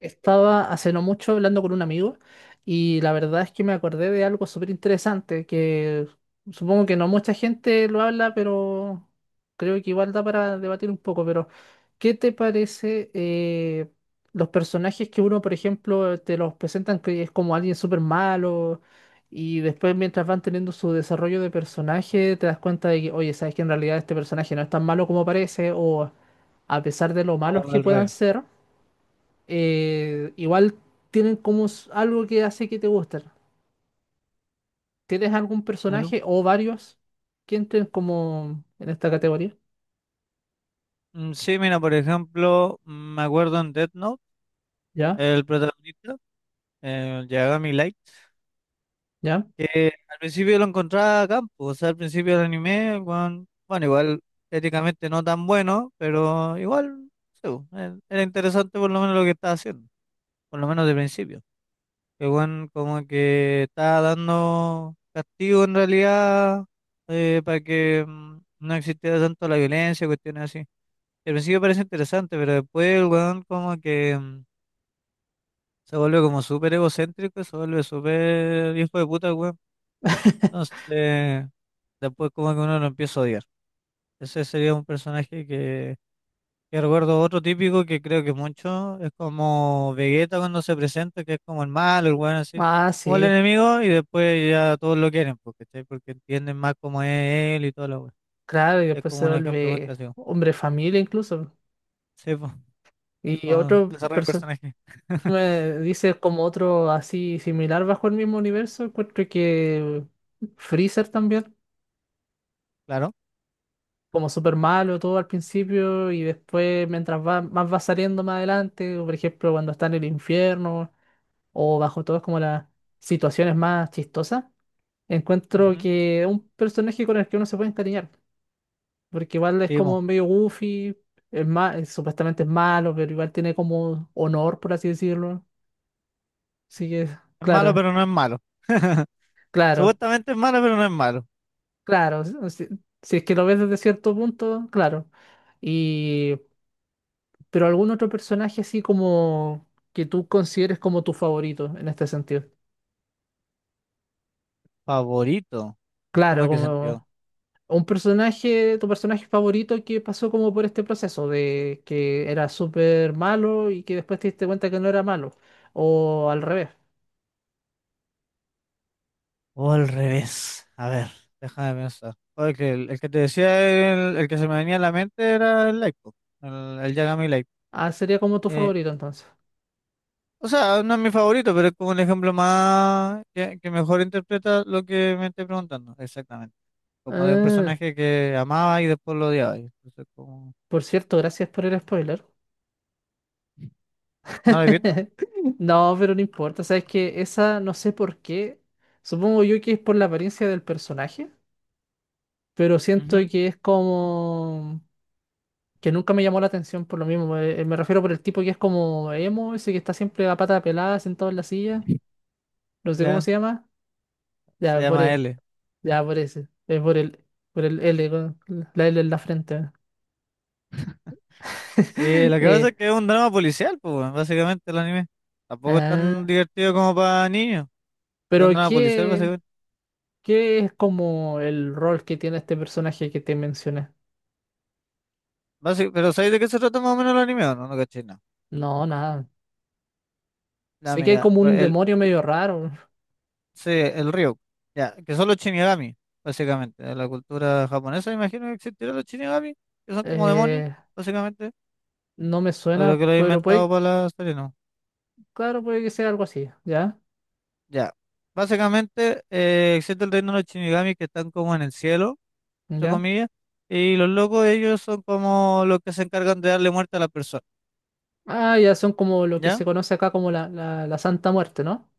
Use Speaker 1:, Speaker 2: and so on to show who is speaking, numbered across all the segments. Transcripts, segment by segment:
Speaker 1: Estaba hace no mucho hablando con un amigo y la verdad es que me acordé de algo súper interesante que supongo que no mucha gente lo habla, pero creo que igual da para debatir un poco. Pero ¿qué te parece, los personajes que uno, por ejemplo, te los presentan que es como alguien súper malo y después, mientras van teniendo su desarrollo de personaje, te das cuenta de que, oye, sabes que en realidad este personaje no es tan malo como parece, o a pesar de lo malos
Speaker 2: Todo
Speaker 1: que
Speaker 2: al
Speaker 1: puedan
Speaker 2: revés.
Speaker 1: ser, igual tienen como algo que hace que te gusten? ¿Tienes algún
Speaker 2: Claro.
Speaker 1: personaje o varios que entren como en esta categoría?
Speaker 2: Sí, mira, por ejemplo, me acuerdo en Death Note,
Speaker 1: ¿Ya?
Speaker 2: el protagonista, el Yagami Light,
Speaker 1: ¿Ya?
Speaker 2: que al principio lo encontraba a campo, o sea, al principio del anime, el weón, bueno, igual éticamente no tan bueno, pero igual, sí, bo, era interesante por lo menos lo que estaba haciendo, por lo menos de principio. Que bueno, como que estaba dando castigo en realidad, para que no existiera tanto la violencia, cuestiones así. Al principio parece interesante, pero después el weón como que se vuelve como súper egocéntrico, se vuelve súper hijo de puta, weón. Entonces, después como que uno lo empieza a odiar. Ese sería un personaje que recuerdo, otro típico que creo que mucho es como Vegeta cuando se presenta, que es como el malo, el weón así,
Speaker 1: Ah,
Speaker 2: como el
Speaker 1: sí,
Speaker 2: enemigo, y después ya todos lo quieren, porque entienden más cómo es él y todo lo weón.
Speaker 1: claro, y
Speaker 2: Es
Speaker 1: después
Speaker 2: como
Speaker 1: se
Speaker 2: un ejemplo muy
Speaker 1: vuelve
Speaker 2: clásico.
Speaker 1: hombre familia incluso.
Speaker 2: Sí, po, es
Speaker 1: Y
Speaker 2: como
Speaker 1: otro
Speaker 2: desarrollo de
Speaker 1: personaje,
Speaker 2: personaje.
Speaker 1: me dice como otro así similar bajo el mismo universo, encuentro que Freezer también,
Speaker 2: Claro.
Speaker 1: como súper malo todo al principio y después mientras va, más va saliendo más adelante, por ejemplo cuando está en el infierno, o bajo todo es como las situaciones más chistosas, encuentro
Speaker 2: Ujú.
Speaker 1: que es un personaje con el que uno se puede encariñar, porque igual es
Speaker 2: Sí, po.
Speaker 1: como medio goofy, supuestamente es malo, pero igual tiene como honor, por así decirlo. Así que
Speaker 2: Es malo,
Speaker 1: claro,
Speaker 2: pero no es malo.
Speaker 1: claro,
Speaker 2: Supuestamente es malo, pero no es malo.
Speaker 1: claro, si, si si es que lo ves desde cierto punto, claro. Y pero algún otro personaje así como que tú consideres como tu favorito en este sentido.
Speaker 2: Favorito. ¿Cómo
Speaker 1: Claro,
Speaker 2: es que sentido?
Speaker 1: como... Un personaje, tu personaje favorito que pasó como por este proceso de que era súper malo y que después te diste cuenta que no era malo. O al revés.
Speaker 2: O al revés. A ver, déjame pensar. Oye, que el que te decía, el que se me venía a la mente era el Light, po. El Yagami Light.
Speaker 1: Ah, sería como tu
Speaker 2: Eh,
Speaker 1: favorito entonces.
Speaker 2: o sea, no es mi favorito, pero es como un ejemplo más que mejor interpreta lo que me estoy preguntando. Exactamente. Como de un
Speaker 1: Ah,
Speaker 2: personaje que amaba y después lo odiaba. Y entonces, como...
Speaker 1: por cierto, gracias por el spoiler.
Speaker 2: ¿No lo he visto?
Speaker 1: No, pero no importa. Sabes que esa, no sé por qué. Supongo yo que es por la apariencia del personaje, pero siento
Speaker 2: Ujú.
Speaker 1: que es como que nunca me llamó la atención por lo mismo. Me refiero por el tipo que es como emo, ese que está siempre a pata pelada, sentado en la silla. No sé cómo
Speaker 2: Ya,
Speaker 1: se llama,
Speaker 2: se
Speaker 1: ya por
Speaker 2: llama
Speaker 1: él,
Speaker 2: L.
Speaker 1: ya por ese, es por por el L, con la L en la frente.
Speaker 2: Sí, lo que pasa
Speaker 1: Eh,
Speaker 2: es que es un drama policial, pues, weón, básicamente el anime. Tampoco es tan
Speaker 1: ah,
Speaker 2: divertido como para niños. Es
Speaker 1: pero
Speaker 2: un drama policial, básicamente.
Speaker 1: ¿qué es como el rol que tiene este personaje que te mencioné?
Speaker 2: Pero ¿sabéis de qué se trata más o menos el anime o no? No caché, nada.
Speaker 1: No, nada.
Speaker 2: Ya,
Speaker 1: Sé que hay
Speaker 2: mira,
Speaker 1: como un
Speaker 2: pues el,
Speaker 1: demonio medio raro.
Speaker 2: sí, el Ryuk. Ya, que son los Shinigami, básicamente. De la cultura japonesa, imagino que existirán los Shinigami, que son como demonios,
Speaker 1: Eh,
Speaker 2: básicamente.
Speaker 1: no me
Speaker 2: No creo
Speaker 1: suena,
Speaker 2: que lo haya
Speaker 1: pero puede,
Speaker 2: inventado para la serie, no.
Speaker 1: claro, puede que sea algo así, ¿ya?
Speaker 2: Ya. Básicamente, existe el reino de los Shinigami que están como en el cielo, entre
Speaker 1: ¿Ya?
Speaker 2: comillas, y los locos ellos son como los que se encargan de darle muerte a la persona,
Speaker 1: Ah, ya, son como lo que
Speaker 2: ¿ya?
Speaker 1: se conoce acá como la Santa Muerte, ¿no?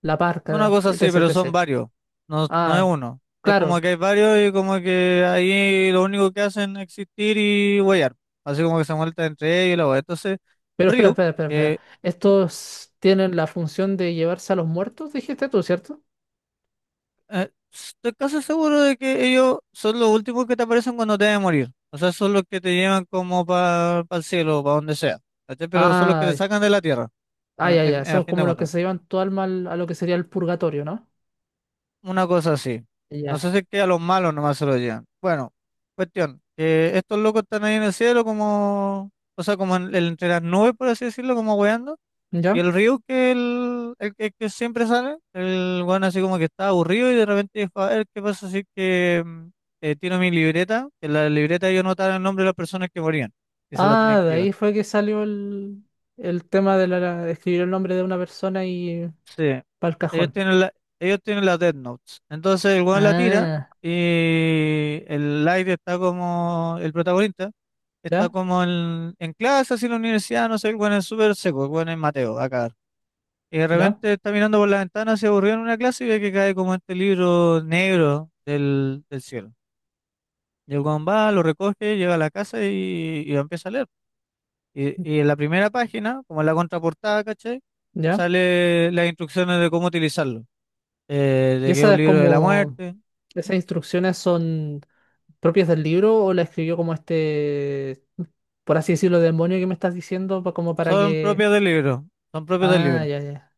Speaker 1: La
Speaker 2: Una
Speaker 1: Parca,
Speaker 2: cosa así,
Speaker 1: etc.,
Speaker 2: pero son
Speaker 1: etc.
Speaker 2: varios, no es
Speaker 1: Ah.
Speaker 2: uno. Es como
Speaker 1: Claro.
Speaker 2: que hay varios y como que ahí lo único que hacen es existir y huear, así como que se muerta entre ellos y la wea. Entonces,
Speaker 1: Pero espera,
Speaker 2: Ryuk,
Speaker 1: espera, espera, espera.
Speaker 2: que ¿Mm?
Speaker 1: Estos tienen la función de llevarse a los muertos, dijiste tú, ¿cierto?
Speaker 2: Estoy casi seguro de que ellos son los últimos que te aparecen cuando te deben morir. O sea, son los que te llevan como para el cielo, para donde sea. ¿Cachai? Pero son los que
Speaker 1: Ah,
Speaker 2: te sacan de la tierra,
Speaker 1: ah, ya, ya.
Speaker 2: a
Speaker 1: Son
Speaker 2: fin de
Speaker 1: como los que
Speaker 2: cuentas.
Speaker 1: se llevan tu alma a lo que sería el purgatorio, ¿no?
Speaker 2: Una cosa así. No sé
Speaker 1: Ya.
Speaker 2: si es que a los malos nomás se lo llevan. Bueno, cuestión, que estos locos están ahí en el cielo como, o sea, entre las nubes, por así decirlo, como hueando. Y
Speaker 1: ¿Ya?
Speaker 2: el río que el que siempre sale, el weón así como que está aburrido y de repente dijo, a ver, ¿qué pasa si que tiro mi libreta? Que en la libreta yo anotaba el nombre de las personas que morían. Esa la tenía
Speaker 1: Ah,
Speaker 2: que
Speaker 1: de
Speaker 2: llevar.
Speaker 1: ahí fue que salió el tema de de escribir el nombre de una persona y
Speaker 2: Sí,
Speaker 1: para el
Speaker 2: ellos
Speaker 1: cajón.
Speaker 2: tienen la, ellos tienen las Death Notes. Entonces el weón la tira
Speaker 1: Ah,
Speaker 2: y el Light está como el protagonista,
Speaker 1: ya,
Speaker 2: está como en clase, así en la universidad, no sé, el weón es súper seco, el weón es Mateo, a cagar. Y de
Speaker 1: ya,
Speaker 2: repente está mirando por la ventana, se aburrió en una clase y ve que cae como este libro negro del cielo. Y el weón va, lo recoge, llega a la casa y lo empieza a leer. Y en la primera página, como en la contraportada, ¿cachai?
Speaker 1: ya.
Speaker 2: Sale las instrucciones de cómo utilizarlo.
Speaker 1: Y
Speaker 2: De que es un
Speaker 1: esas
Speaker 2: libro de la
Speaker 1: como,
Speaker 2: muerte.
Speaker 1: esas instrucciones son propias del libro o la escribió como este, por así decirlo, demonio que me estás diciendo, pa- como para
Speaker 2: Son
Speaker 1: que...
Speaker 2: propios del libro, son propios del
Speaker 1: Ah,
Speaker 2: libro.
Speaker 1: ya, ya.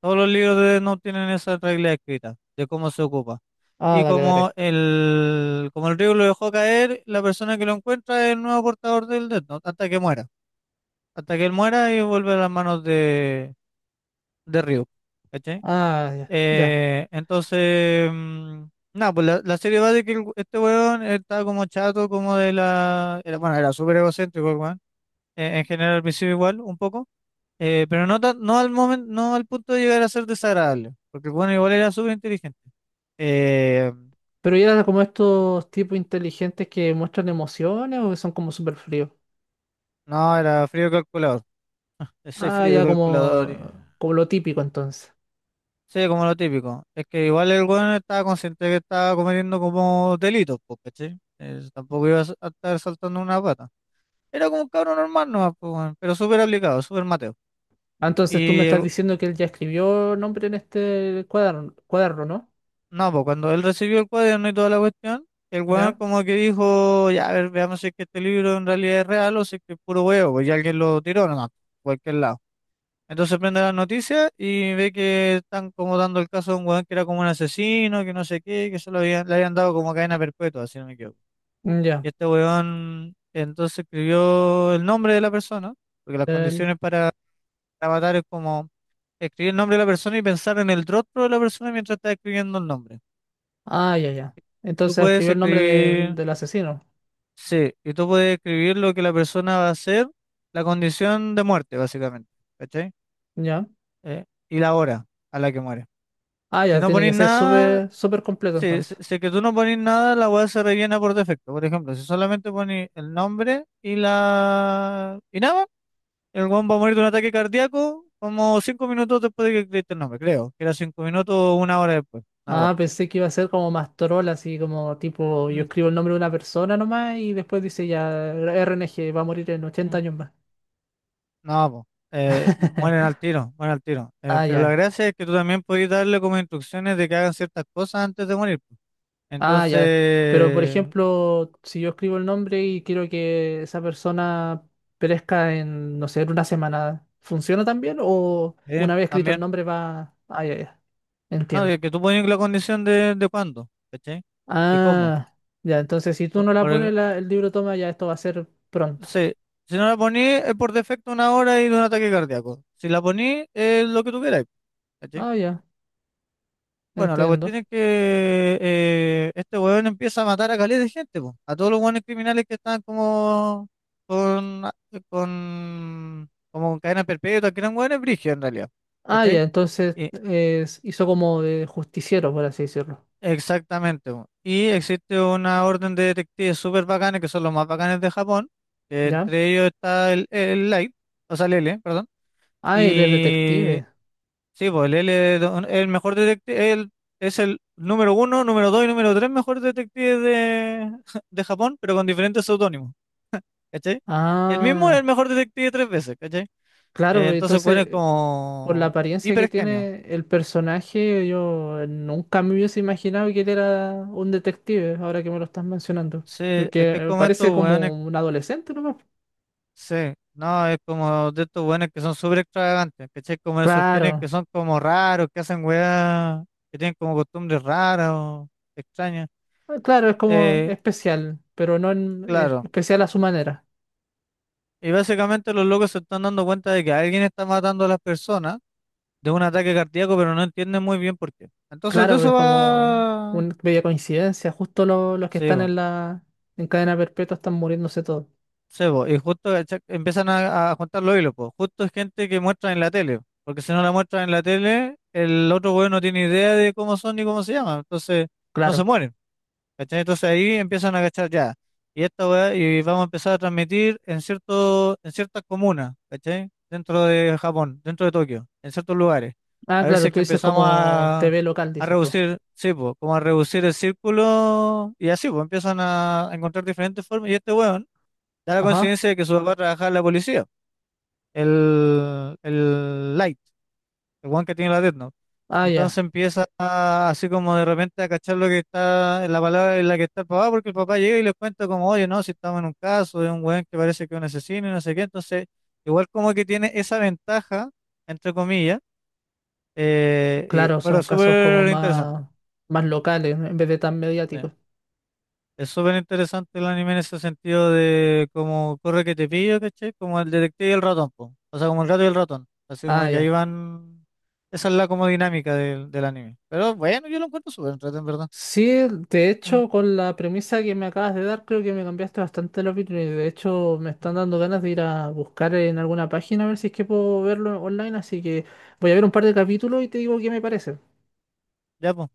Speaker 2: Todos los libros de no tienen esa regla escrita de cómo se ocupa.
Speaker 1: Ah,
Speaker 2: Y
Speaker 1: dale, dale.
Speaker 2: como el río lo dejó caer, la persona que lo encuentra es el nuevo portador del Death Note, hasta que muera. Hasta que él muera y vuelve a las manos de Ryu. ¿Cachai?
Speaker 1: Ah, ya, ya.
Speaker 2: Entonces, nada, pues la serie va de que este weón está como chato, como de la... bueno, era súper egocéntrico el weón. En general, al principio igual, un poco. Pero no, no al momento, no al punto de llegar a ser desagradable, porque bueno, igual era súper inteligente. Eh,
Speaker 1: Pero ya era como estos tipos inteligentes que muestran emociones o que son como súper fríos.
Speaker 2: no, era frío de calculador. Soy
Speaker 1: Ah,
Speaker 2: frío de
Speaker 1: ya,
Speaker 2: calculador.
Speaker 1: como, como lo típico entonces.
Speaker 2: Sí, como lo típico. Es que igual el weón estaba consciente que estaba cometiendo como delitos, pues, ¿cachai? Tampoco iba a a estar saltando una pata. Era como un cabrón normal nomás, pues, weón, pero súper aplicado, súper mateo.
Speaker 1: Ah, entonces tú me
Speaker 2: Y
Speaker 1: estás
Speaker 2: el
Speaker 1: diciendo que él ya escribió nombre en este cuaderno, cuaderno, ¿no?
Speaker 2: No, pues cuando él recibió el cuaderno y toda la cuestión, el weón
Speaker 1: Ya.
Speaker 2: como que dijo, ya, a ver, veamos si es que este libro en realidad es real o si es que es puro huevo, pues ya alguien lo tiró, no, cualquier lado. Entonces prende las noticias y ve que están como dando el caso de un weón que era como un asesino, que no sé qué, que se lo habían, le habían dado como cadena perpetua, si no me equivoco.
Speaker 1: Mm, ya.
Speaker 2: Y este weón entonces escribió el nombre de la persona, porque las
Speaker 1: El-
Speaker 2: condiciones para matar es como escribir el nombre de la persona y pensar en el rostro de la persona mientras está escribiendo el nombre.
Speaker 1: Ah, ya, ya.
Speaker 2: Tú
Speaker 1: Entonces
Speaker 2: puedes
Speaker 1: escribió el nombre
Speaker 2: escribir
Speaker 1: del asesino.
Speaker 2: Sí, y tú puedes escribir lo que la persona va a hacer, la condición de muerte, básicamente, ¿cachai?
Speaker 1: Ya.
Speaker 2: Y la hora a la que muere.
Speaker 1: Ah,
Speaker 2: Si
Speaker 1: ya,
Speaker 2: no
Speaker 1: tiene que
Speaker 2: pones
Speaker 1: ser
Speaker 2: nada,
Speaker 1: súper, súper completo
Speaker 2: sí,
Speaker 1: entonces.
Speaker 2: si es que tú no pones nada, la web se rellena por defecto. Por ejemplo, si solamente pones el nombre y la... y nada, el weón va a morir de un ataque cardíaco como cinco minutos después de que escribiste el nombre, creo. Que era cinco minutos o una hora después. Una hora.
Speaker 1: Ah, pensé que iba a ser como más troll, así como tipo, yo escribo el nombre de una persona nomás y después dice ya, RNG va a morir en 80 años más.
Speaker 2: No, po, mueren al tiro, mueren al tiro.
Speaker 1: Ah,
Speaker 2: Pero la
Speaker 1: ya,
Speaker 2: gracia es que tú también podías darle como instrucciones de que hagan ciertas cosas antes de morir, po.
Speaker 1: ah,
Speaker 2: Entonces,
Speaker 1: ya. Pero por ejemplo, si yo escribo el nombre y quiero que esa persona perezca en, no sé, en una semana, ¿funciona también? ¿O una vez escrito el
Speaker 2: también.
Speaker 1: nombre va... Ah, ya, ya,
Speaker 2: No,
Speaker 1: entiendo.
Speaker 2: de que tú pones la condición de cuándo, ¿cachai? ¿Y cómo?
Speaker 1: Ah, ya, entonces si tú
Speaker 2: Por,
Speaker 1: no la
Speaker 2: por ej-
Speaker 1: pones, el libro toma, ya esto va a ser pronto.
Speaker 2: sí, si no la ponís, es por defecto una hora y de un ataque cardíaco. Si la ponís, es lo que tú quieras.
Speaker 1: Ah, ya,
Speaker 2: Bueno, la cuestión
Speaker 1: entiendo.
Speaker 2: es que este weón empieza a matar a caleta de gente, po, a todos los weones criminales que están como con, como con cadena perpetua, que eran weones brígidos en realidad,
Speaker 1: Ah,
Speaker 2: ¿cachai?
Speaker 1: ya, entonces
Speaker 2: Y-
Speaker 1: hizo como de justiciero, por así decirlo.
Speaker 2: Exactamente, po. Y existe una orden de detectives súper bacanes, que son los más bacanes de Japón, que
Speaker 1: ¿Ya?
Speaker 2: entre ellos está el Light, o sea, el L, perdón,
Speaker 1: Ah, él es
Speaker 2: y
Speaker 1: detective.
Speaker 2: Sí, pues él es el mejor detective, él es el número uno, número dos y número tres mejor detective de, de Japón, pero con diferentes seudónimos, ¿cachai? El mismo es el
Speaker 1: Ah,
Speaker 2: mejor detective tres veces, ¿cachai?
Speaker 1: claro, pues,
Speaker 2: Entonces, bueno, es
Speaker 1: entonces, por la
Speaker 2: como
Speaker 1: apariencia que
Speaker 2: hiper genio.
Speaker 1: tiene el personaje, yo nunca me hubiese imaginado que él era un detective, ahora que me lo estás mencionando.
Speaker 2: Sí, es
Speaker 1: Porque
Speaker 2: que es como estos
Speaker 1: parece
Speaker 2: weones,
Speaker 1: como un adolescente nomás.
Speaker 2: sí, no, es como de estos weones que son súper extravagantes, ¿cachai? Como esos genios que
Speaker 1: Claro,
Speaker 2: son como raros, que hacen weas, que tienen como costumbres raras o extrañas.
Speaker 1: ah, claro, es como
Speaker 2: Eh,
Speaker 1: especial, pero no es
Speaker 2: claro.
Speaker 1: especial a su manera.
Speaker 2: Y básicamente los locos se están dando cuenta de que alguien está matando a las personas de un ataque cardíaco, pero no entienden muy bien por qué. Entonces de
Speaker 1: Claro,
Speaker 2: eso
Speaker 1: es como
Speaker 2: va...
Speaker 1: una bella coincidencia. Justo los que
Speaker 2: Sí,
Speaker 1: están
Speaker 2: po,
Speaker 1: en la en cadena perpetua están muriéndose todos.
Speaker 2: sí, po, y justo empiezan a juntar los hilos, pues. Justo es gente que muestra en la tele, porque si no la muestran en la tele, el otro güey no tiene idea de cómo son ni cómo se llaman, entonces no
Speaker 1: Claro.
Speaker 2: se mueren. ¿Cachai? Entonces ahí empiezan a cachar ya. Y esta weá, y vamos a empezar a transmitir en ciertas comunas, ¿cachai? Dentro de Japón, dentro de Tokio, en ciertos lugares.
Speaker 1: Ah,
Speaker 2: A ver si
Speaker 1: claro,
Speaker 2: es que
Speaker 1: tú dices
Speaker 2: empezamos
Speaker 1: como T V local,
Speaker 2: a
Speaker 1: dices tú.
Speaker 2: reducir, sí, po, como a reducir el círculo, y así, pues empiezan a encontrar diferentes formas. Y este weón da la
Speaker 1: Ajá.
Speaker 2: coincidencia de que su papá trabajaba en la policía, el Light, el weón que tiene la dead,
Speaker 1: Ah,
Speaker 2: entonces
Speaker 1: ya.
Speaker 2: empieza a- así como de repente a cachar lo que está, la palabra en la que está el papá, porque el papá llega y les cuenta como, oye, no, si estamos en un caso de un weón que parece que es un asesino y no sé qué, entonces igual como que tiene esa ventaja, entre comillas,
Speaker 1: Claro,
Speaker 2: pero
Speaker 1: son
Speaker 2: es
Speaker 1: casos como
Speaker 2: súper interesante.
Speaker 1: más, más locales, ¿no?, en vez de tan
Speaker 2: Sí.
Speaker 1: mediáticos.
Speaker 2: Es súper interesante el anime en ese sentido de como corre que te pillo, ¿cachai? Como el detective y el ratón, po. O sea, como el gato y el ratón. Así
Speaker 1: Ah,
Speaker 2: como que ahí
Speaker 1: ya.
Speaker 2: van, esa es la como dinámica del anime. Pero bueno, yo lo encuentro súper entretenido, en verdad.
Speaker 1: Sí, de hecho, con la premisa que me acabas de dar, creo que me cambiaste bastante la opinión. Y de hecho, me están
Speaker 2: Ujú.
Speaker 1: dando ganas de ir a buscar en alguna página a ver si es que puedo verlo online. Así que voy a ver un par de capítulos y te digo qué me parece.
Speaker 2: Ya, pues,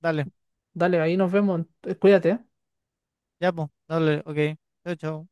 Speaker 2: dale,
Speaker 1: Dale, ahí nos vemos. Cuídate, ¿eh?
Speaker 2: ya, pues, dale, ok. Chao, chao.